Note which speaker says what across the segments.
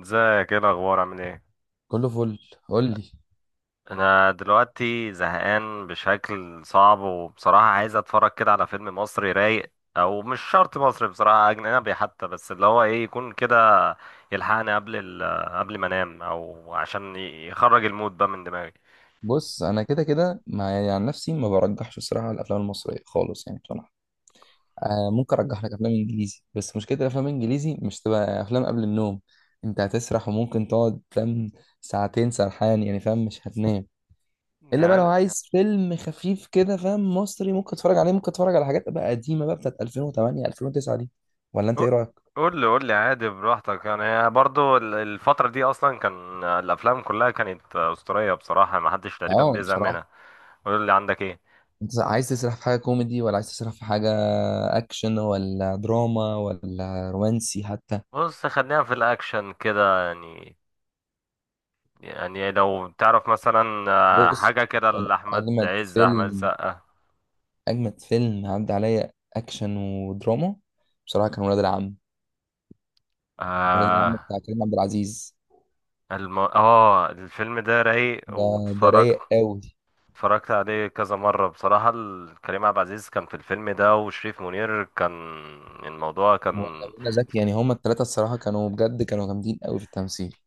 Speaker 1: ازيك، ايه الاخبار؟ عامل ايه؟
Speaker 2: كله فل. قول لي.
Speaker 1: انا دلوقتي زهقان بشكل صعب، وبصراحه عايز اتفرج كده على فيلم مصري رايق، او مش شرط مصري، بصراحه اجنبي حتى، بس اللي هو ايه، يكون كده يلحقني قبل قبل ما انام، او عشان يخرج المود بقى من دماغي.
Speaker 2: بص، انا كده كده مع يعني عن نفسي ما برجحش الصراحه الافلام المصريه خالص يعني بصراحه. آه، ممكن ارجح لك افلام انجليزي، بس مشكله الافلام الانجليزي مش تبقى افلام قبل النوم. انت هتسرح وممكن تقعد، فاهم، ساعتين سرحان يعني، فاهم، مش هتنام. الا بقى لو
Speaker 1: يعني.
Speaker 2: عايز فيلم خفيف كده، فاهم، مصري، ممكن تتفرج عليه، ممكن تتفرج على حاجات بقى قديمه بقى بتاعت 2008 2009 دي. ولا انت
Speaker 1: قول،
Speaker 2: ايه رايك؟
Speaker 1: قول لي عادي براحتك، يعني برضو الفترة دي أصلا كان الأفلام كلها كانت أسطورية، بصراحة محدش تقريبا
Speaker 2: اه،
Speaker 1: بيزهق
Speaker 2: بصراحه،
Speaker 1: منها. قول لي عندك إيه.
Speaker 2: انت عايز تسرح في حاجة كوميدي ولا عايز تسرح في حاجة اكشن ولا دراما ولا رومانسي حتى؟
Speaker 1: بص خلينا في الأكشن كده يعني لو تعرف مثلا آه،
Speaker 2: بص،
Speaker 1: حاجة كده
Speaker 2: يعني
Speaker 1: لأحمد
Speaker 2: اجمد
Speaker 1: عز، أحمد
Speaker 2: فيلم
Speaker 1: السقا.
Speaker 2: اجمد فيلم عدى عليا اكشن ودراما، بصراحة كان ولاد العم. ولاد العم
Speaker 1: آه،
Speaker 2: بتاع كريم عبد العزيز.
Speaker 1: الم... اه الفيلم ده رايق
Speaker 2: ده ده
Speaker 1: واتفرجت.
Speaker 2: رايق قوي.
Speaker 1: اتفرجت عليه كذا مرة بصراحة، كريم عبد العزيز كان في الفيلم ده، وشريف منير كان، الموضوع
Speaker 2: ولا
Speaker 1: كان.
Speaker 2: منى زكي، يعني هما التلاتة الصراحة كانوا بجد كانوا جامدين قوي في التمثيل.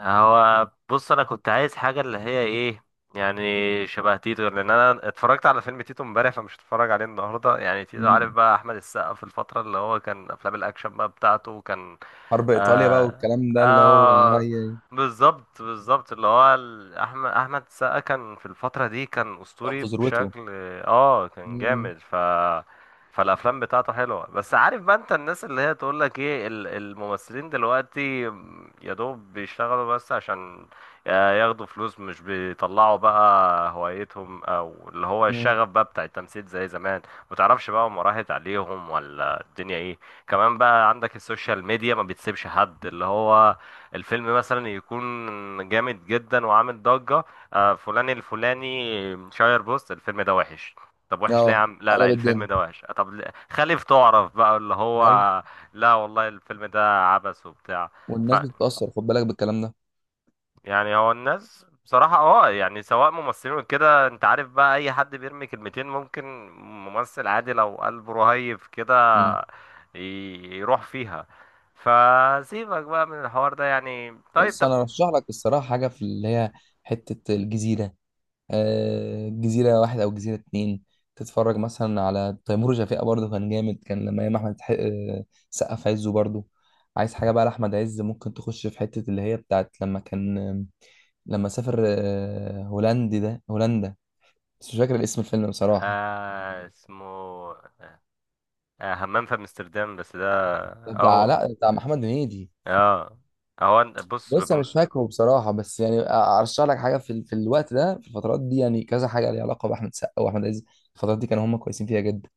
Speaker 1: هو بص، انا كنت عايز حاجه اللي هي ايه، يعني شبه تيتو، لان انا اتفرجت على فيلم تيتو امبارح، فمش هتفرج عليه النهارده يعني. تيتو عارف
Speaker 2: مم.
Speaker 1: بقى، احمد السقا في الفتره اللي هو كان افلام الاكشن بقى بتاعته كان.
Speaker 2: حرب ايطاليا بقى
Speaker 1: آه،
Speaker 2: والكلام ده، اللي هو
Speaker 1: آه، بالظبط، بالظبط، اللي هو احمد السقا كان في الفتره دي كان
Speaker 2: كان
Speaker 1: اسطوري
Speaker 2: في ذروته.
Speaker 1: بشكل. اه كان
Speaker 2: مم.
Speaker 1: جامد ف، فالافلام بتاعته حلوه، بس عارف بقى انت الناس اللي هي تقول لك ايه الممثلين دلوقتي يا دوب بيشتغلوا بس عشان ياخدوا فلوس، مش بيطلعوا بقى هوايتهم او اللي هو
Speaker 2: مم.
Speaker 1: الشغف بقى بتاع التمثيل زي زمان. متعرفش بقى هم راحت عليهم ولا الدنيا ايه. كمان بقى عندك السوشيال ميديا ما بتسيبش حد اللي هو، الفيلم مثلا يكون جامد جدا وعامل ضجة، آه، فلان الفلاني شاير بوست الفيلم ده وحش. طب وحش ليه يا
Speaker 2: اه.
Speaker 1: عم؟ لا لا،
Speaker 2: قلب
Speaker 1: الفيلم
Speaker 2: الدنيا،
Speaker 1: ده وحش طب، خليف تعرف بقى اللي هو. لا والله، الفيلم ده عبث وبتاع. ف،
Speaker 2: والناس بتتأثر، خد بالك بالكلام ده.
Speaker 1: يعني هو الناس بصراحة اه يعني، سواء ممثلين وكده، انت عارف بقى اي حد بيرمي كلمتين، ممكن ممثل عادي لو قلبه رهيف كده،
Speaker 2: مم.
Speaker 1: ي- يروح فيها. فسيبك بقى من الحوار ده يعني، طيب
Speaker 2: بس
Speaker 1: طب.
Speaker 2: انا ارشح لك الصراحه حاجه في اللي هي حته الجزيره. آه، جزيره واحد او جزيره اتنين. تتفرج مثلا على تيمور وشفيقة، برضه كان جامد، كان لما ايام احمد حق- آه، سقا في عزه برضه. عايز حاجه بقى لاحمد عز، ممكن تخش في حته اللي هي بتاعت لما كان، لما سافر، هولندي ده هولندا، بس مش فاكر الاسم الفيلم بصراحه.
Speaker 1: آه اسمه، آه همام في امستردام، بس ده.
Speaker 2: بتاع
Speaker 1: اهو.
Speaker 2: لا بتاع محمد هنيدي.
Speaker 1: اه. هو بص.
Speaker 2: بص انا مش فاكره بصراحه، بس يعني ارشح لك حاجه في الوقت ده، في الفترات دي، يعني كذا حاجه ليها علاقه باحمد سقا واحمد عز. الفترات دي كانوا هم كويسين فيها جدا.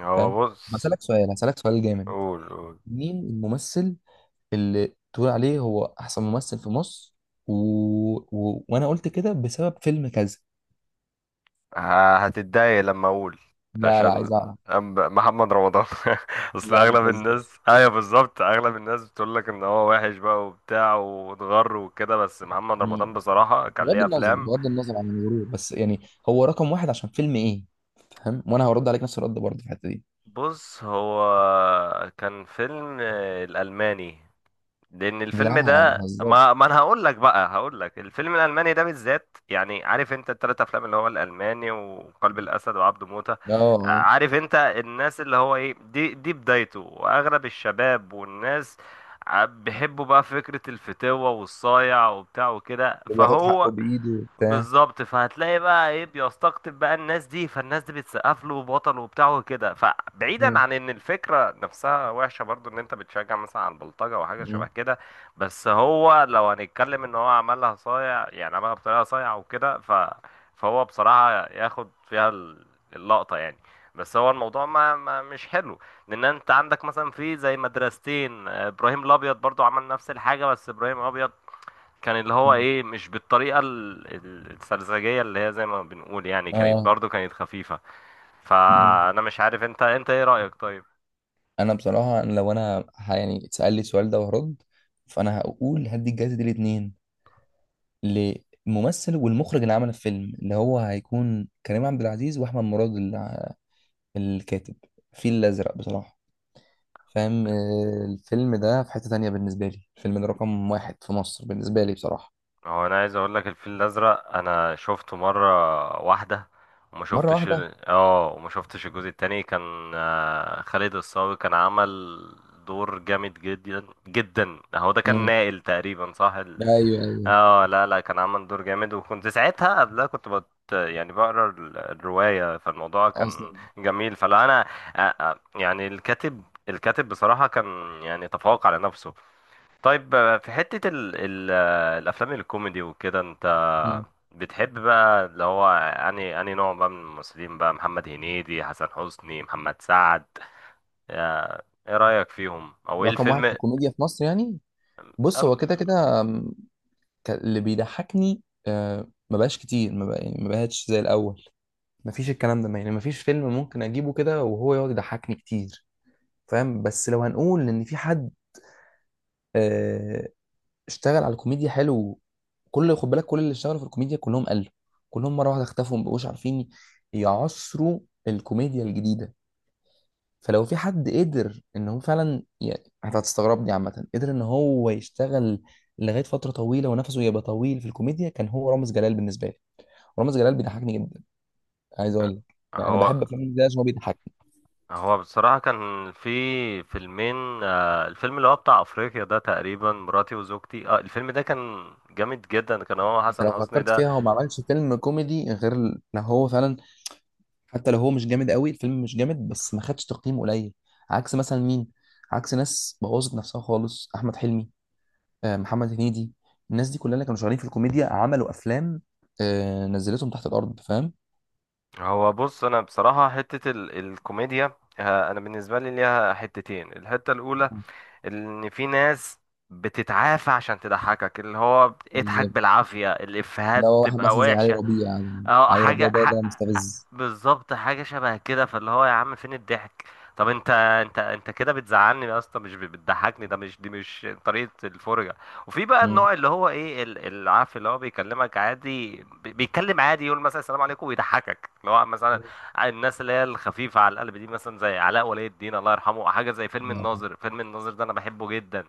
Speaker 1: هو
Speaker 2: فاهم؟
Speaker 1: بص.
Speaker 2: بسالك سؤال هسالك سؤال جامد.
Speaker 1: قول، قول.
Speaker 2: مين الممثل اللي تقول عليه هو احسن ممثل في مصر؟ و... و... وانا قلت كده بسبب فيلم كذا.
Speaker 1: هتتضايق لما اقول؟
Speaker 2: لا لا،
Speaker 1: عشان
Speaker 2: عايز اعرف.
Speaker 1: محمد رمضان اصل
Speaker 2: لا، ما
Speaker 1: اغلب
Speaker 2: تهزرش.
Speaker 1: الناس، ايوه بالظبط، اغلب الناس بتقول لك ان هو وحش بقى وبتاع واتغر وكده، بس محمد
Speaker 2: مم.
Speaker 1: رمضان بصراحة كان ليه افلام.
Speaker 2: بغض النظر عن الغرور، بس يعني هو رقم واحد عشان فيلم ايه؟ فاهم؟ وانا هرد عليك نفس الرد برضه في الحته دي.
Speaker 1: بص هو، كان فيلم الالماني، لان الفيلم
Speaker 2: لا، ما
Speaker 1: ده
Speaker 2: تهزرش.
Speaker 1: ما انا هقول لك بقى، هقول لك الفيلم الالماني ده بالذات، يعني عارف انت التلات افلام اللي هو الالماني وقلب الاسد وعبده موتة.
Speaker 2: اه. آه.
Speaker 1: عارف انت الناس اللي هو ايه، دي بدايته، واغلب الشباب والناس بيحبوا بقى فكرة الفتوة والصايع وبتاع وكده
Speaker 2: اللي بياخد حقه
Speaker 1: فهو.
Speaker 2: بايده وبتاع.
Speaker 1: بالظبط، فهتلاقي بقى ايه بيستقطب بقى الناس دي، فالناس دي بتسقف له بطل وبتاع وكده، فبعيدا
Speaker 2: مم.
Speaker 1: عن ان الفكره نفسها وحشه برضو، ان انت بتشجع مثلا على البلطجه وحاجه شبه
Speaker 2: مم.
Speaker 1: كده، بس هو لو هنتكلم ان هو عملها صايع، يعني عملها بطريقه صايعه وكده ف، فهو بصراحه ياخد فيها اللقطه يعني. بس هو الموضوع ما مش حلو. لان انت عندك مثلا في زي مدرستين، آه، ابراهيم الابيض برضو عمل نفس الحاجه، بس ابراهيم الابيض كان اللي هو
Speaker 2: مم.
Speaker 1: ايه مش بالطريقه السرزجيه اللي هي زي ما بنقول يعني، كانت
Speaker 2: اه.
Speaker 1: برضو كانت خفيفه.
Speaker 2: مم.
Speaker 1: فانا مش عارف انت ايه رايك طيب؟
Speaker 2: انا بصراحه، أنا لو انا ه- يعني اتسال لي السؤال ده وهرد، فانا هقول هدي الجائزه دي الاثنين، للممثل والمخرج اللي عمل الفيلم، اللي هو هيكون كريم عبد العزيز واحمد مراد، الكاتب. الفيل الازرق بصراحه. فاهم؟ الفيلم ده في حته تانية بالنسبه لي، الفيلم ده رقم واحد في مصر بالنسبه لي بصراحه.
Speaker 1: هو انا عايز اقول لك، الفيل الازرق انا شفته مره واحده. وما
Speaker 2: مره
Speaker 1: شفتش
Speaker 2: واحده.
Speaker 1: وما شفتش الجزء التاني، كان آه، خالد الصاوي كان عمل دور جامد جدا جدا. هو ده كان
Speaker 2: مم.
Speaker 1: نائل تقريبا صح
Speaker 2: ايوه ايوه،
Speaker 1: اه لا لا، كان عمل دور جامد. وكنت ساعتها قبلها كنت يعني بقرا الروايه، فالموضوع
Speaker 2: اصلا.
Speaker 1: كان جميل، فلا انا، آه، آه، يعني الكاتب، الكاتب بصراحه كان، يعني تفوق على نفسه. طيب آه، في حتة ال ال آه، الأفلام الكوميدي وكده، أنت
Speaker 2: مم.
Speaker 1: بتحب بقى اللي هو أنهي نوع بقى من الممثلين بقى، محمد هنيدي، حسن حسني، محمد سعد، آه، إيه رأيك فيهم، أو إيه
Speaker 2: رقم واحد في
Speaker 1: الفيلم؟
Speaker 2: الكوميديا في مصر يعني؟ بص، هو
Speaker 1: أم-
Speaker 2: كده كده اللي بيضحكني ما بقاش كتير، ما بقى يعني، ما بقاش زي الاول. ما فيش الكلام ده، يعني ما فيش فيلم ممكن اجيبه كده وهو يقعد يضحكني كتير. فاهم؟ بس لو هنقول ان في حد آه، اشتغل على الكوميديا حلو، خد بالك، كل اللي اشتغلوا في الكوميديا كلهم قالوا، كلهم مره واحده اختفوا، ما بقوش عارفين يعصروا الكوميديا الجديده. فلو في حد قدر ان هو فعلا، يعني انت هتستغربني عامه، قدر ان هو يشتغل لغايه فتره طويله ونفسه يبقى طويل في الكوميديا، كان هو رامز جلال بالنسبه لي. رامز جلال بيضحكني جدا. عايز اقول لك يعني انا
Speaker 1: هو،
Speaker 2: بحب افلام رامز جلال عشان هو بيضحكني.
Speaker 1: هو بصراحة كان في فيلمين، آه، الفيلم اللي هو بتاع أفريقيا ده تقريبا، مراتي وزوجتي، اه الفيلم ده كان جامد جدا، كان هو
Speaker 2: انت
Speaker 1: حسن
Speaker 2: لو
Speaker 1: حسني
Speaker 2: فكرت
Speaker 1: ده.
Speaker 2: فيها، هو ما عملش فيلم كوميدي غير ال- لو هو فعلا، حتى لو هو مش جامد قوي الفيلم، مش جامد بس ما خدش تقييم قليل. عكس مثلا مين؟ عكس ناس بوظت نفسها خالص، احمد حلمي، محمد هنيدي. الناس دي كلها اللي كانوا شغالين في الكوميديا عملوا افلام، نزلتهم تحت الارض. فاهم؟
Speaker 1: هو بص، انا بصراحه حته ال الكوميديا، آه، انا بالنسبه لي ليها حتتين. الحته الاولى، ان في ناس بتتعافى عشان تضحكك، اللي هو اضحك
Speaker 2: بالظبط.
Speaker 1: بالعافيه، الافيهات
Speaker 2: لو واحد
Speaker 1: تبقى
Speaker 2: مثلا زي علي
Speaker 1: وحشه.
Speaker 2: ربيع، يعني
Speaker 1: اه
Speaker 2: علي ربيع
Speaker 1: حاجة
Speaker 2: ده ده مستفز.
Speaker 1: بالظبط، حاجة شبه كده، فاللي هو يا عم فين الضحك؟ طب انت كده بتزعلني اصلا مش بتضحكني، ده مش دي مش طريقة الفرجة. وفي بقى
Speaker 2: مم.
Speaker 1: النوع اللي هو ايه، عارف اللي هو بيكلمك عادي، بيتكلم عادي، يقول مثلا السلام عليكم ويضحكك، اللي هو مثلا الناس اللي هي الخفيفة على القلب دي، مثلا زي علاء ولي الدين الله يرحمه، حاجة زي فيلم
Speaker 2: الله يرحمه.
Speaker 1: الناظر، فيلم الناظر ده انا بحبه جدا.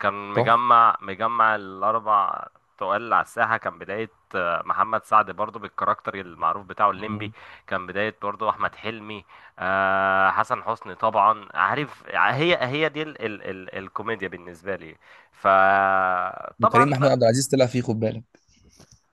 Speaker 1: كان
Speaker 2: تحفة.
Speaker 1: مجمع الاربع تقال على الساحة. كان بداية محمد سعد برضو، بالكاركتر المعروف بتاعه الليمبي.
Speaker 2: مم.
Speaker 1: كان بداية برضو أحمد حلمي، آه، حسن حسني طبعا. عارف هي هي دي ال ال ال الكوميديا بالنسبة لي، فطبعا
Speaker 2: وكريم محمود
Speaker 1: بقى.
Speaker 2: عبد العزيز طلع فيه، خد بالك،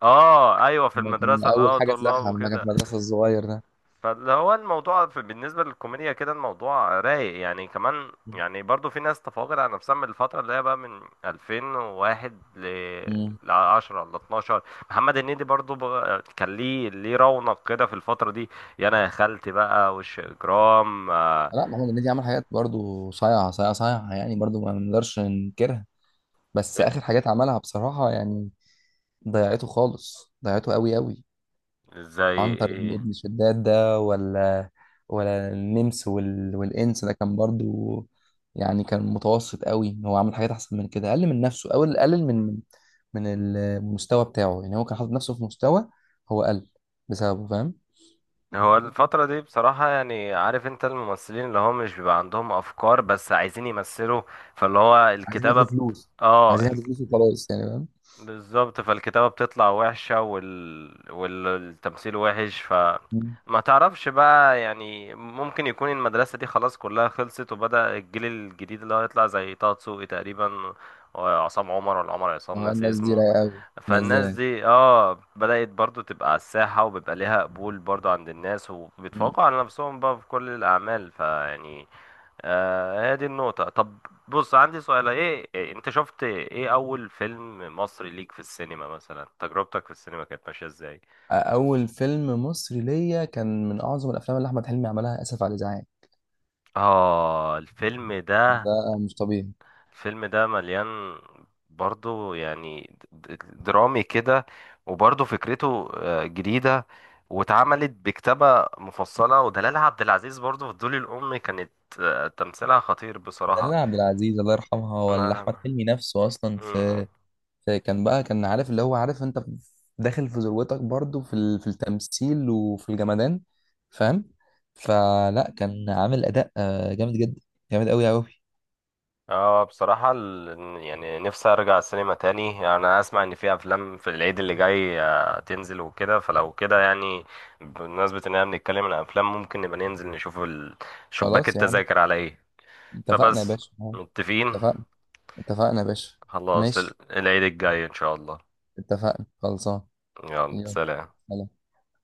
Speaker 1: اه ايوه، في
Speaker 2: لما كان
Speaker 1: المدرسة اللي
Speaker 2: اول
Speaker 1: هو
Speaker 2: حاجه
Speaker 1: طلاب
Speaker 2: طلعها، لما كان في
Speaker 1: وكده.
Speaker 2: المدرسه الصغير ده.
Speaker 1: فاللي هو الموضوع في بالنسبة للكوميديا كده، الموضوع رايق يعني. كمان يعني برضو في ناس تفاقد على نفسها من الفترة اللي هي بقى من 2001
Speaker 2: مم.
Speaker 1: ل 10 ل 12. محمد هنيدي برضو كان ليه رونق كده في الفترة دي، يا انا يا خالتي بقى وش اجرام، آه.
Speaker 2: لا، محمود هنيدي عمل حاجات برضو صايعه صايعه صايعه، يعني برضو ما نقدرش ننكرها. بس اخر حاجات عملها بصراحه يعني ضيعته خالص، ضيعته قوي قوي.
Speaker 1: زي
Speaker 2: عنتر بن
Speaker 1: ايه؟
Speaker 2: ابن شداد ده، ولا والإنس ده، كان برضو يعني كان متوسط قوي. هو عمل حاجات أحسن من كده، أقل من نفسه أو أقل من من المستوى بتاعه. يعني هو كان حاطط نفسه في مستوى، هو قل بسببه. فاهم؟
Speaker 1: هو الفترة دي بصراحة يعني، عارف انت الممثلين اللي هم مش بيبقى عندهم افكار، بس عايزين يمثلوا، فاللي هو
Speaker 2: عايزين
Speaker 1: الكتابة
Speaker 2: ياخدوا فلوس.
Speaker 1: اه
Speaker 2: عايزين ياخدوا فلوس وخلاص يعني. فاهم؟
Speaker 1: بالظبط، فالكتابة بتطلع وحشة، والتمثيل وحش ف.
Speaker 2: مم.
Speaker 1: ما تعرفش بقى يعني، ممكن يكون المدرسة دي خلاص كلها خلصت، وبدأ الجيل الجديد اللي هو يطلع زي طه دسوقي تقريبا، وعصام عمر، ولا عمر عصام،
Speaker 2: اه،
Speaker 1: ناسي
Speaker 2: الناس دي
Speaker 1: اسمه.
Speaker 2: رايقة قوي، الناس دي
Speaker 1: فالناس
Speaker 2: رايقة.
Speaker 1: دي اه بدأت برضو تبقى على الساحة، وبيبقى ليها قبول برضو عند الناس،
Speaker 2: مم.
Speaker 1: وبيتفوقوا على نفسهم بقى في كل الأعمال، فيعني آه، هي دي النقطة. طب بص، عندي سؤال، ايه إيه، انت شفت ايه اول فيلم مصري ليك في السينما؟ مثلا تجربتك في السينما كانت ماشية ازاي؟
Speaker 2: أول فيلم مصري ليا كان من أعظم الأفلام اللي أحمد حلمي عملها، آسف على الإزعاج.
Speaker 1: اه الفيلم ده.
Speaker 2: ده مش طبيعي.
Speaker 1: الفيلم ده مليان برضو يعني، درامي كده، وبرضو فكرته آه، جديدة، واتعملت بكتابة مفصلة. ودلال عبد العزيز برضو في الدول الأم كانت آه، تمثيلها خطير
Speaker 2: دلال
Speaker 1: بصراحة.
Speaker 2: عبد العزيز الله يرحمها، ولا احمد
Speaker 1: الله
Speaker 2: حلمي نفسه اصلا،
Speaker 1: يرحمه.
Speaker 2: في, في كان بقى كان عارف، اللي هو، عارف انت داخل في ذروتك برضو في في التمثيل وفي الجمدان. فاهم؟ فلا كان عامل اداء جامد جدا، جامد قوي قوي.
Speaker 1: اه بصراحة يعني نفسي ارجع السينما تاني. يعني انا اسمع ان في افلام في العيد اللي جاي آه، تنزل وكده، فلو كده يعني بمناسبة ان احنا بنتكلم عن افلام، ممكن نبقى ننزل نشوف شباك
Speaker 2: خلاص يا عم،
Speaker 1: التذاكر على ايه.
Speaker 2: اتفقنا يا
Speaker 1: فبس،
Speaker 2: باشا.
Speaker 1: متفقين.
Speaker 2: اتفقنا. اتفقنا يا باشا.
Speaker 1: خلاص
Speaker 2: ماشي،
Speaker 1: العيد الجاي ان شاء الله.
Speaker 2: اتفقنا خلصان.
Speaker 1: يلا
Speaker 2: يلا
Speaker 1: سلام.
Speaker 2: سلام.